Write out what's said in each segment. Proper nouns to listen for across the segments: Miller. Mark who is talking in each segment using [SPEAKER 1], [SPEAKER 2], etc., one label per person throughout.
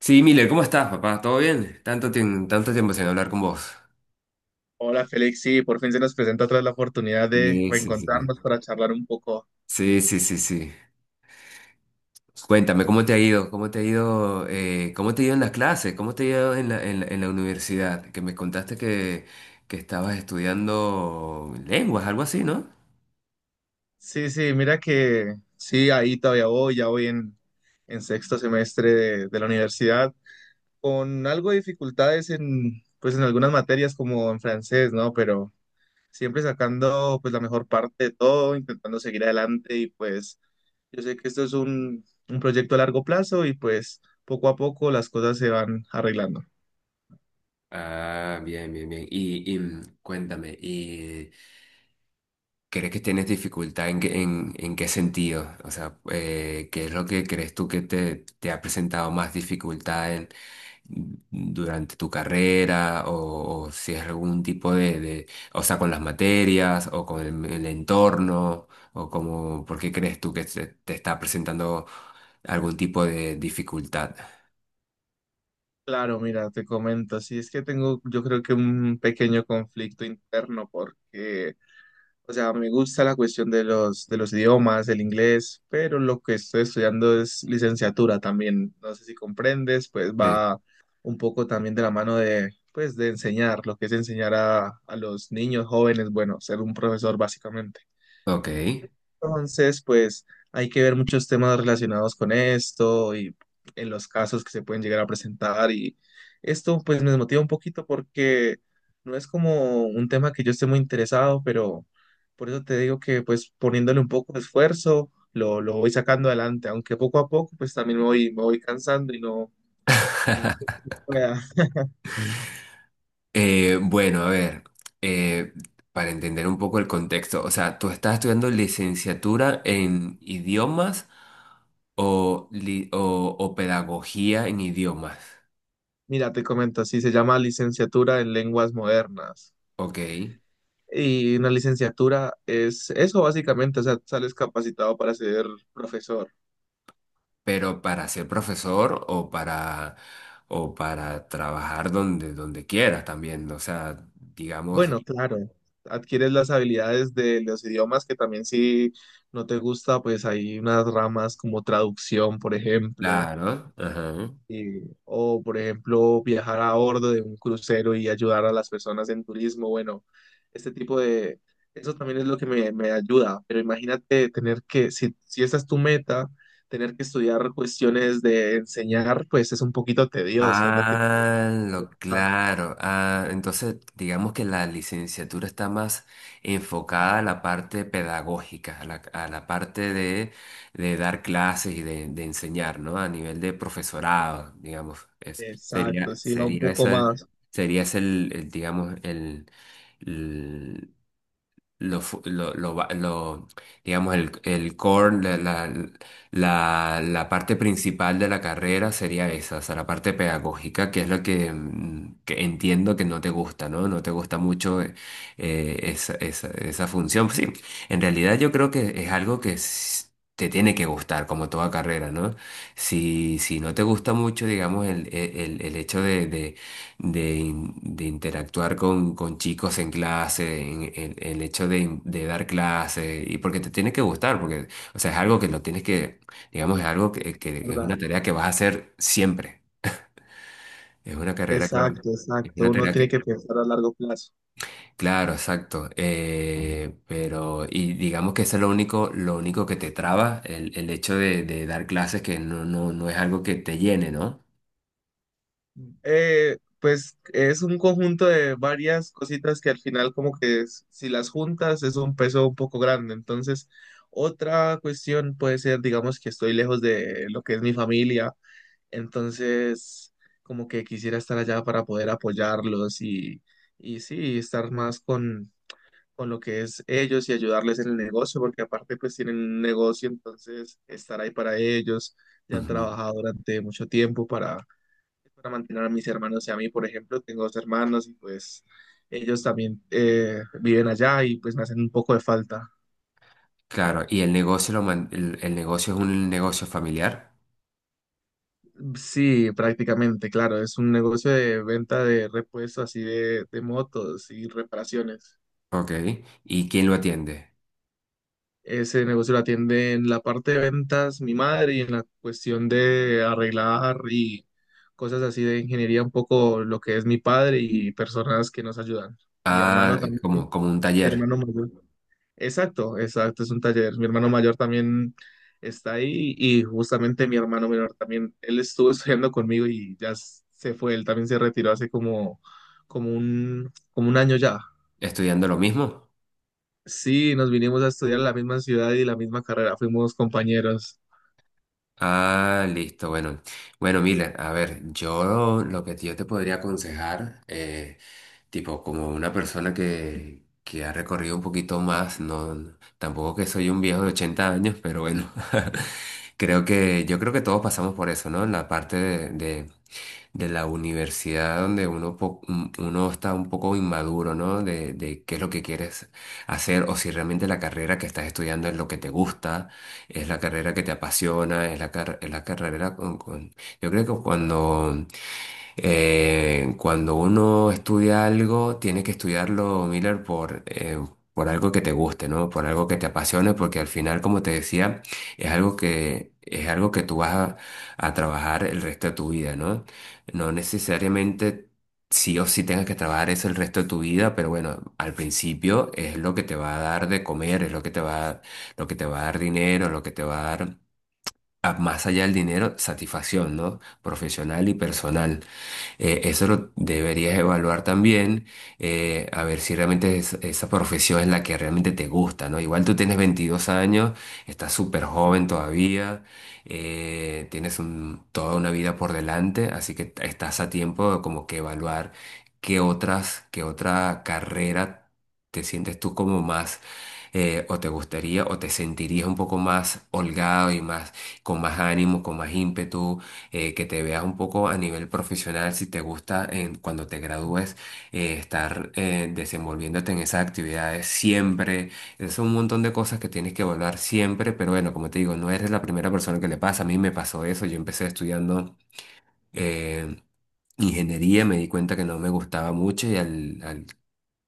[SPEAKER 1] Sí, Miller, ¿cómo estás, papá? ¿Todo bien? Tanto tiempo sin hablar con vos.
[SPEAKER 2] Hola Félix, sí, por fin se nos presenta otra vez la oportunidad de
[SPEAKER 1] Sí, sí, sí.
[SPEAKER 2] reencontrarnos para charlar un poco.
[SPEAKER 1] Sí, sí, sí, sí. Sí. Cuéntame, ¿cómo te ha ido? ¿Cómo te ha ido? ¿Cómo te ha ido en las clases? ¿Cómo te ha ido en en la universidad? Que me contaste que estabas estudiando lenguas, algo así, ¿no?
[SPEAKER 2] Sí, sí, mira que sí, ahí todavía voy, ya voy en sexto semestre de la universidad, con algo de dificultades en, pues, en algunas materias como en francés, ¿no? Pero siempre sacando pues la mejor parte de todo, intentando seguir adelante y pues yo sé que esto es un proyecto a largo plazo y pues poco a poco las cosas se van arreglando.
[SPEAKER 1] Ah, bien, bien, bien. Cuéntame, ¿y crees que tienes dificultad en qué sentido? O sea, ¿qué es lo que crees tú que te ha presentado más dificultad durante tu carrera o si es algún tipo de o sea, con las materias o con el entorno o como, ¿por qué crees tú que te está presentando algún tipo de dificultad?
[SPEAKER 2] Claro, mira, te comento, sí, es que tengo yo creo que un pequeño conflicto interno porque, o sea, me gusta la cuestión de los idiomas, el inglés, pero lo que estoy estudiando es licenciatura también, no sé si comprendes, pues
[SPEAKER 1] Sí.
[SPEAKER 2] va un poco también de la mano de, pues, de enseñar, lo que es enseñar a los niños jóvenes, bueno, ser un profesor básicamente.
[SPEAKER 1] Ok.
[SPEAKER 2] Entonces, pues hay que ver muchos temas relacionados con esto y en los casos que se pueden llegar a presentar. Y esto pues me motiva un poquito porque no es como un tema que yo esté muy interesado, pero por eso te digo que pues poniéndole un poco de esfuerzo lo voy sacando adelante, aunque poco a poco pues también me voy cansando y no... Y no...
[SPEAKER 1] Bueno, a ver, eh, para entender un poco el contexto, o sea, ¿tú estás estudiando licenciatura en idiomas o pedagogía en idiomas?
[SPEAKER 2] Mira, te comento, así se llama licenciatura en lenguas modernas.
[SPEAKER 1] Ok.
[SPEAKER 2] Y una licenciatura es eso básicamente, o sea, sales capacitado para ser profesor.
[SPEAKER 1] Pero para ser profesor o para trabajar donde, donde quieras también, o sea, digamos,
[SPEAKER 2] Bueno, claro, adquieres las habilidades de los idiomas que también si no te gusta, pues hay unas ramas como traducción, por ejemplo,
[SPEAKER 1] claro, ajá.
[SPEAKER 2] o, por ejemplo, viajar a bordo de un crucero y ayudar a las personas en turismo. Bueno, este tipo de... Eso también es lo que me ayuda. Pero imagínate tener que, si esa es tu meta, tener que estudiar cuestiones de enseñar, pues es un poquito tedioso, es lo que te...
[SPEAKER 1] Ah, lo
[SPEAKER 2] Ah,
[SPEAKER 1] claro. Ah, entonces, digamos que la licenciatura está más enfocada a la parte pedagógica, a a la parte de dar clases y de enseñar, ¿no? A nivel de profesorado, digamos. Ese
[SPEAKER 2] exacto,
[SPEAKER 1] sería,
[SPEAKER 2] sí, un poco más.
[SPEAKER 1] sería ese digamos, el- lo, fu- lo va- lo- digamos, el core, la parte principal de la carrera sería esa, o sea, la parte pedagógica, que es lo que, que entiendo que no te gusta, ¿no? No te gusta mucho esa función. Sí, en realidad yo creo que es algo que te tiene que gustar, como toda carrera, ¿no? Si, si no te gusta mucho, digamos, el hecho de de interactuar con chicos en clase, el hecho de dar clases y porque te tiene que gustar, porque, o sea, es algo que lo tienes que, digamos, es algo
[SPEAKER 2] Sí,
[SPEAKER 1] que es una
[SPEAKER 2] ¿verdad?
[SPEAKER 1] tarea que vas a hacer siempre, es una carrera que,
[SPEAKER 2] Exacto,
[SPEAKER 1] es
[SPEAKER 2] exacto.
[SPEAKER 1] una
[SPEAKER 2] Uno
[SPEAKER 1] tarea
[SPEAKER 2] tiene
[SPEAKER 1] que,
[SPEAKER 2] que pensar a largo plazo.
[SPEAKER 1] claro, exacto, pero, y digamos que eso es lo único que te traba, el hecho de dar clases que no, no, no es algo que te llene, ¿no?
[SPEAKER 2] Pues es un conjunto de varias cositas que al final como que si las juntas es un peso un poco grande. Entonces, otra cuestión puede ser, digamos, que estoy lejos de lo que es mi familia. Entonces, como que quisiera estar allá para poder apoyarlos y sí, estar más con lo que es ellos y ayudarles en el negocio, porque aparte pues tienen un negocio, entonces estar ahí para ellos. Ya han
[SPEAKER 1] Ujú.
[SPEAKER 2] trabajado durante mucho tiempo para mantener a mis hermanos y a mí, por ejemplo, tengo dos hermanos y pues ellos también viven allá y pues me hacen un poco de falta.
[SPEAKER 1] Claro, y el negocio, lo man- el negocio es un negocio familiar.
[SPEAKER 2] Sí, prácticamente, claro, es un negocio de venta de repuestos así de motos y reparaciones.
[SPEAKER 1] Ok. ¿Y quién lo atiende?
[SPEAKER 2] Ese negocio lo atiende en la parte de ventas mi madre y en la cuestión de arreglar y cosas así de ingeniería un poco lo que es mi padre y personas que nos ayudan. Mi
[SPEAKER 1] Ah,
[SPEAKER 2] hermano
[SPEAKER 1] es
[SPEAKER 2] también,
[SPEAKER 1] como,
[SPEAKER 2] mi
[SPEAKER 1] como un taller,
[SPEAKER 2] hermano mayor. Exacto, exacto, es un taller. Mi hermano mayor también está ahí y justamente mi hermano menor también, él estuvo estudiando conmigo y ya se fue, él también se retiró hace como un año ya.
[SPEAKER 1] estudiando lo mismo.
[SPEAKER 2] Sí, nos vinimos a estudiar en la misma ciudad y la misma carrera, fuimos compañeros.
[SPEAKER 1] Ah, listo, bueno. Bueno, mira, a ver, yo lo que yo te podría aconsejar tipo como una persona que ha recorrido un poquito más, no, tampoco que soy un viejo de 80 años, pero bueno, creo que yo creo que todos pasamos por eso, ¿no? En la parte de la universidad donde uno, uno está un poco inmaduro, ¿no? De qué es lo que quieres hacer o si realmente la carrera que estás estudiando es lo que te gusta, es la carrera que te apasiona, es es la carrera Yo creo que cuando cuando uno estudia algo, tiene que estudiarlo, Miller, por algo que te guste, ¿no? Por algo que te apasione, porque al final, como te decía, es algo que tú vas a trabajar el resto de tu vida, ¿no? No necesariamente sí o sí tengas que trabajar eso el resto de tu vida, pero bueno, al principio es lo que te va a dar de comer, es lo que te va a, lo que te va a dar dinero, lo que te va a dar, más allá del dinero, satisfacción, ¿no? Profesional y personal. Eso lo deberías evaluar también, a ver si realmente esa profesión es la que realmente te gusta, ¿no? Igual tú tienes 22 años, estás súper joven todavía, toda una vida por delante, así que estás a tiempo de como que evaluar qué otras, qué otra carrera te sientes tú como más, o te gustaría, o te sentirías un poco más holgado y más, con más ánimo, con más ímpetu que te veas un poco a nivel profesional, si te gusta en, cuando te gradúes estar desenvolviéndote en esas actividades siempre. Es un montón de cosas que tienes que evaluar siempre, pero bueno, como te digo, no eres la primera persona que le pasa. A mí me pasó eso, yo empecé estudiando eh, ingeniería, me di cuenta que no me gustaba mucho y al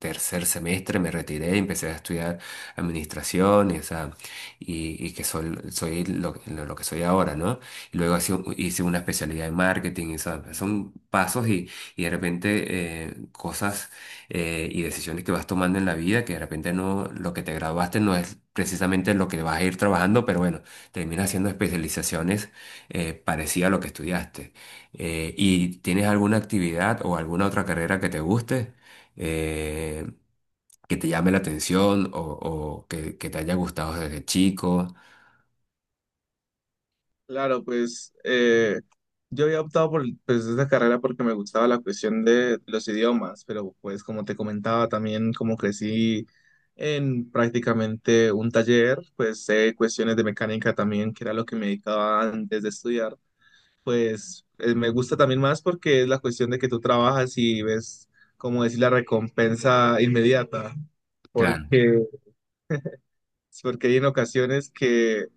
[SPEAKER 1] tercer semestre me retiré y empecé a estudiar administración y, o sea, y que soy, lo que soy ahora, ¿no? Y luego hice, hice una especialidad en marketing, y, o sea, son pasos y de repente cosas y decisiones que vas tomando en la vida que de repente no, lo que te graduaste no es precisamente lo que vas a ir trabajando, pero bueno, terminas haciendo especializaciones parecidas a lo que estudiaste. ¿Y tienes alguna actividad o alguna otra carrera que te guste? eh, ¿Que te llame la atención o que te haya gustado desde chico?
[SPEAKER 2] Claro, pues yo había optado por pues, esta carrera porque me gustaba la cuestión de los idiomas, pero pues como te comentaba también como crecí en prácticamente un taller, pues sé cuestiones de mecánica también, que era lo que me dedicaba antes de estudiar, pues me gusta también más porque es la cuestión de que tú trabajas y ves, como decir, la recompensa inmediata,
[SPEAKER 1] Claro,
[SPEAKER 2] porque Porque hay en ocasiones que,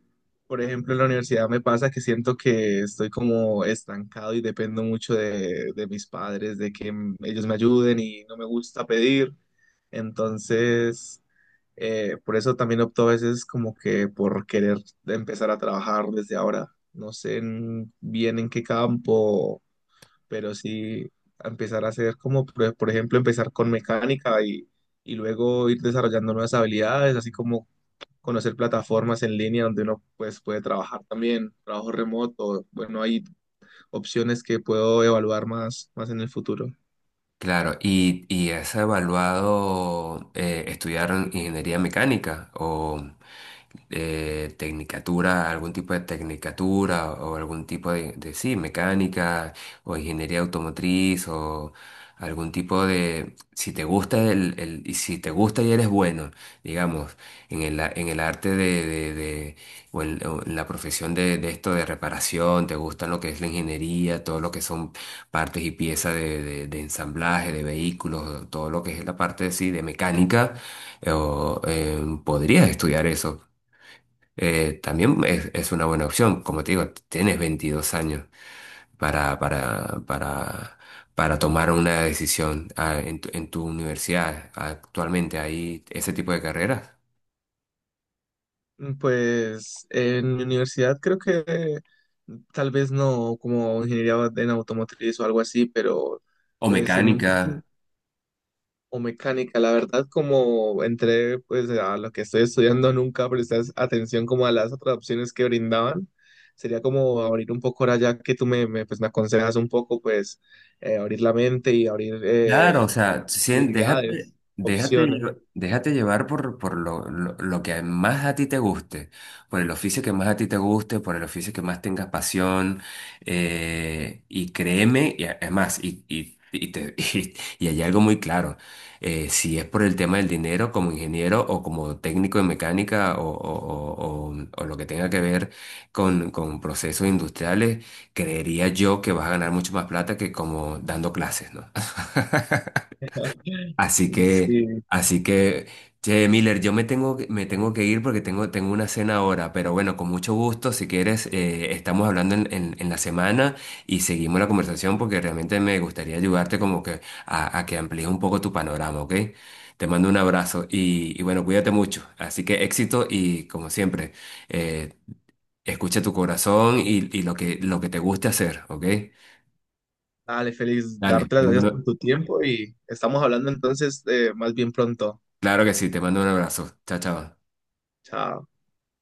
[SPEAKER 2] por ejemplo, en la universidad me pasa que siento que estoy como estancado y dependo mucho de mis padres, de que ellos me ayuden y no me gusta pedir. Entonces, por eso también opto a veces como que por querer empezar a trabajar desde ahora. No sé bien en qué campo, pero sí empezar a hacer como, por ejemplo, empezar con mecánica y luego ir desarrollando nuevas habilidades, así como conocer plataformas en línea donde uno pues, puede trabajar también, trabajo remoto, bueno, hay opciones que puedo evaluar más en el futuro.
[SPEAKER 1] claro, y has evaluado estudiar ingeniería mecánica o tecnicatura, algún tipo de tecnicatura o algún tipo de, sí, mecánica o ingeniería automotriz o algún tipo de, si te gusta y si te gusta y eres bueno, digamos, en el, en el arte de o en la profesión de esto de reparación, te gusta lo que es la ingeniería, todo lo que son partes y piezas de ensamblaje, de vehículos, todo lo que es la parte sí, de mecánica, o podrías estudiar eso. También es una buena opción, como te digo, tienes 22 años para, para, para, para tomar una decisión en en tu universidad. Actualmente hay ese tipo de carreras,
[SPEAKER 2] Pues en mi universidad creo que tal vez no como ingeniería en automotriz o algo así, pero
[SPEAKER 1] o
[SPEAKER 2] pues en un futuro
[SPEAKER 1] mecánica.
[SPEAKER 2] o mecánica, la verdad, como entré pues a lo que estoy estudiando, nunca presté atención como a las otras opciones que brindaban. Sería como abrir un poco ahora ya que tú me aconsejas un poco, pues abrir la mente y abrir
[SPEAKER 1] Claro, o sea, sí.
[SPEAKER 2] posibilidades, opciones.
[SPEAKER 1] Déjate llevar por, lo que más a ti te guste, por el oficio que más a ti te guste, por el oficio que más tengas pasión, y créeme, es más, y hay algo muy claro, si es por el tema del dinero como ingeniero o como técnico en mecánica o o lo que tenga que ver con procesos industriales, creería yo que vas a ganar mucho más plata que como dando clases, ¿no? Así que,
[SPEAKER 2] Sí,
[SPEAKER 1] así que, che, Miller, yo me me tengo que ir porque tengo, tengo una cena ahora, pero bueno, con mucho gusto, si quieres, estamos hablando en, en la semana y seguimos la conversación porque realmente me gustaría ayudarte como que a que amplíes un poco tu panorama, ¿ok? Te mando un abrazo y bueno, cuídate mucho. Así que éxito y como siempre, eh, escucha tu corazón y lo que te guste hacer, ¿ok?
[SPEAKER 2] dale, Félix,
[SPEAKER 1] Dale,
[SPEAKER 2] darte las
[SPEAKER 1] te
[SPEAKER 2] gracias por
[SPEAKER 1] mando,
[SPEAKER 2] tu tiempo y estamos hablando entonces más bien pronto.
[SPEAKER 1] claro que sí, te mando un abrazo. Chao, chao.
[SPEAKER 2] Chao.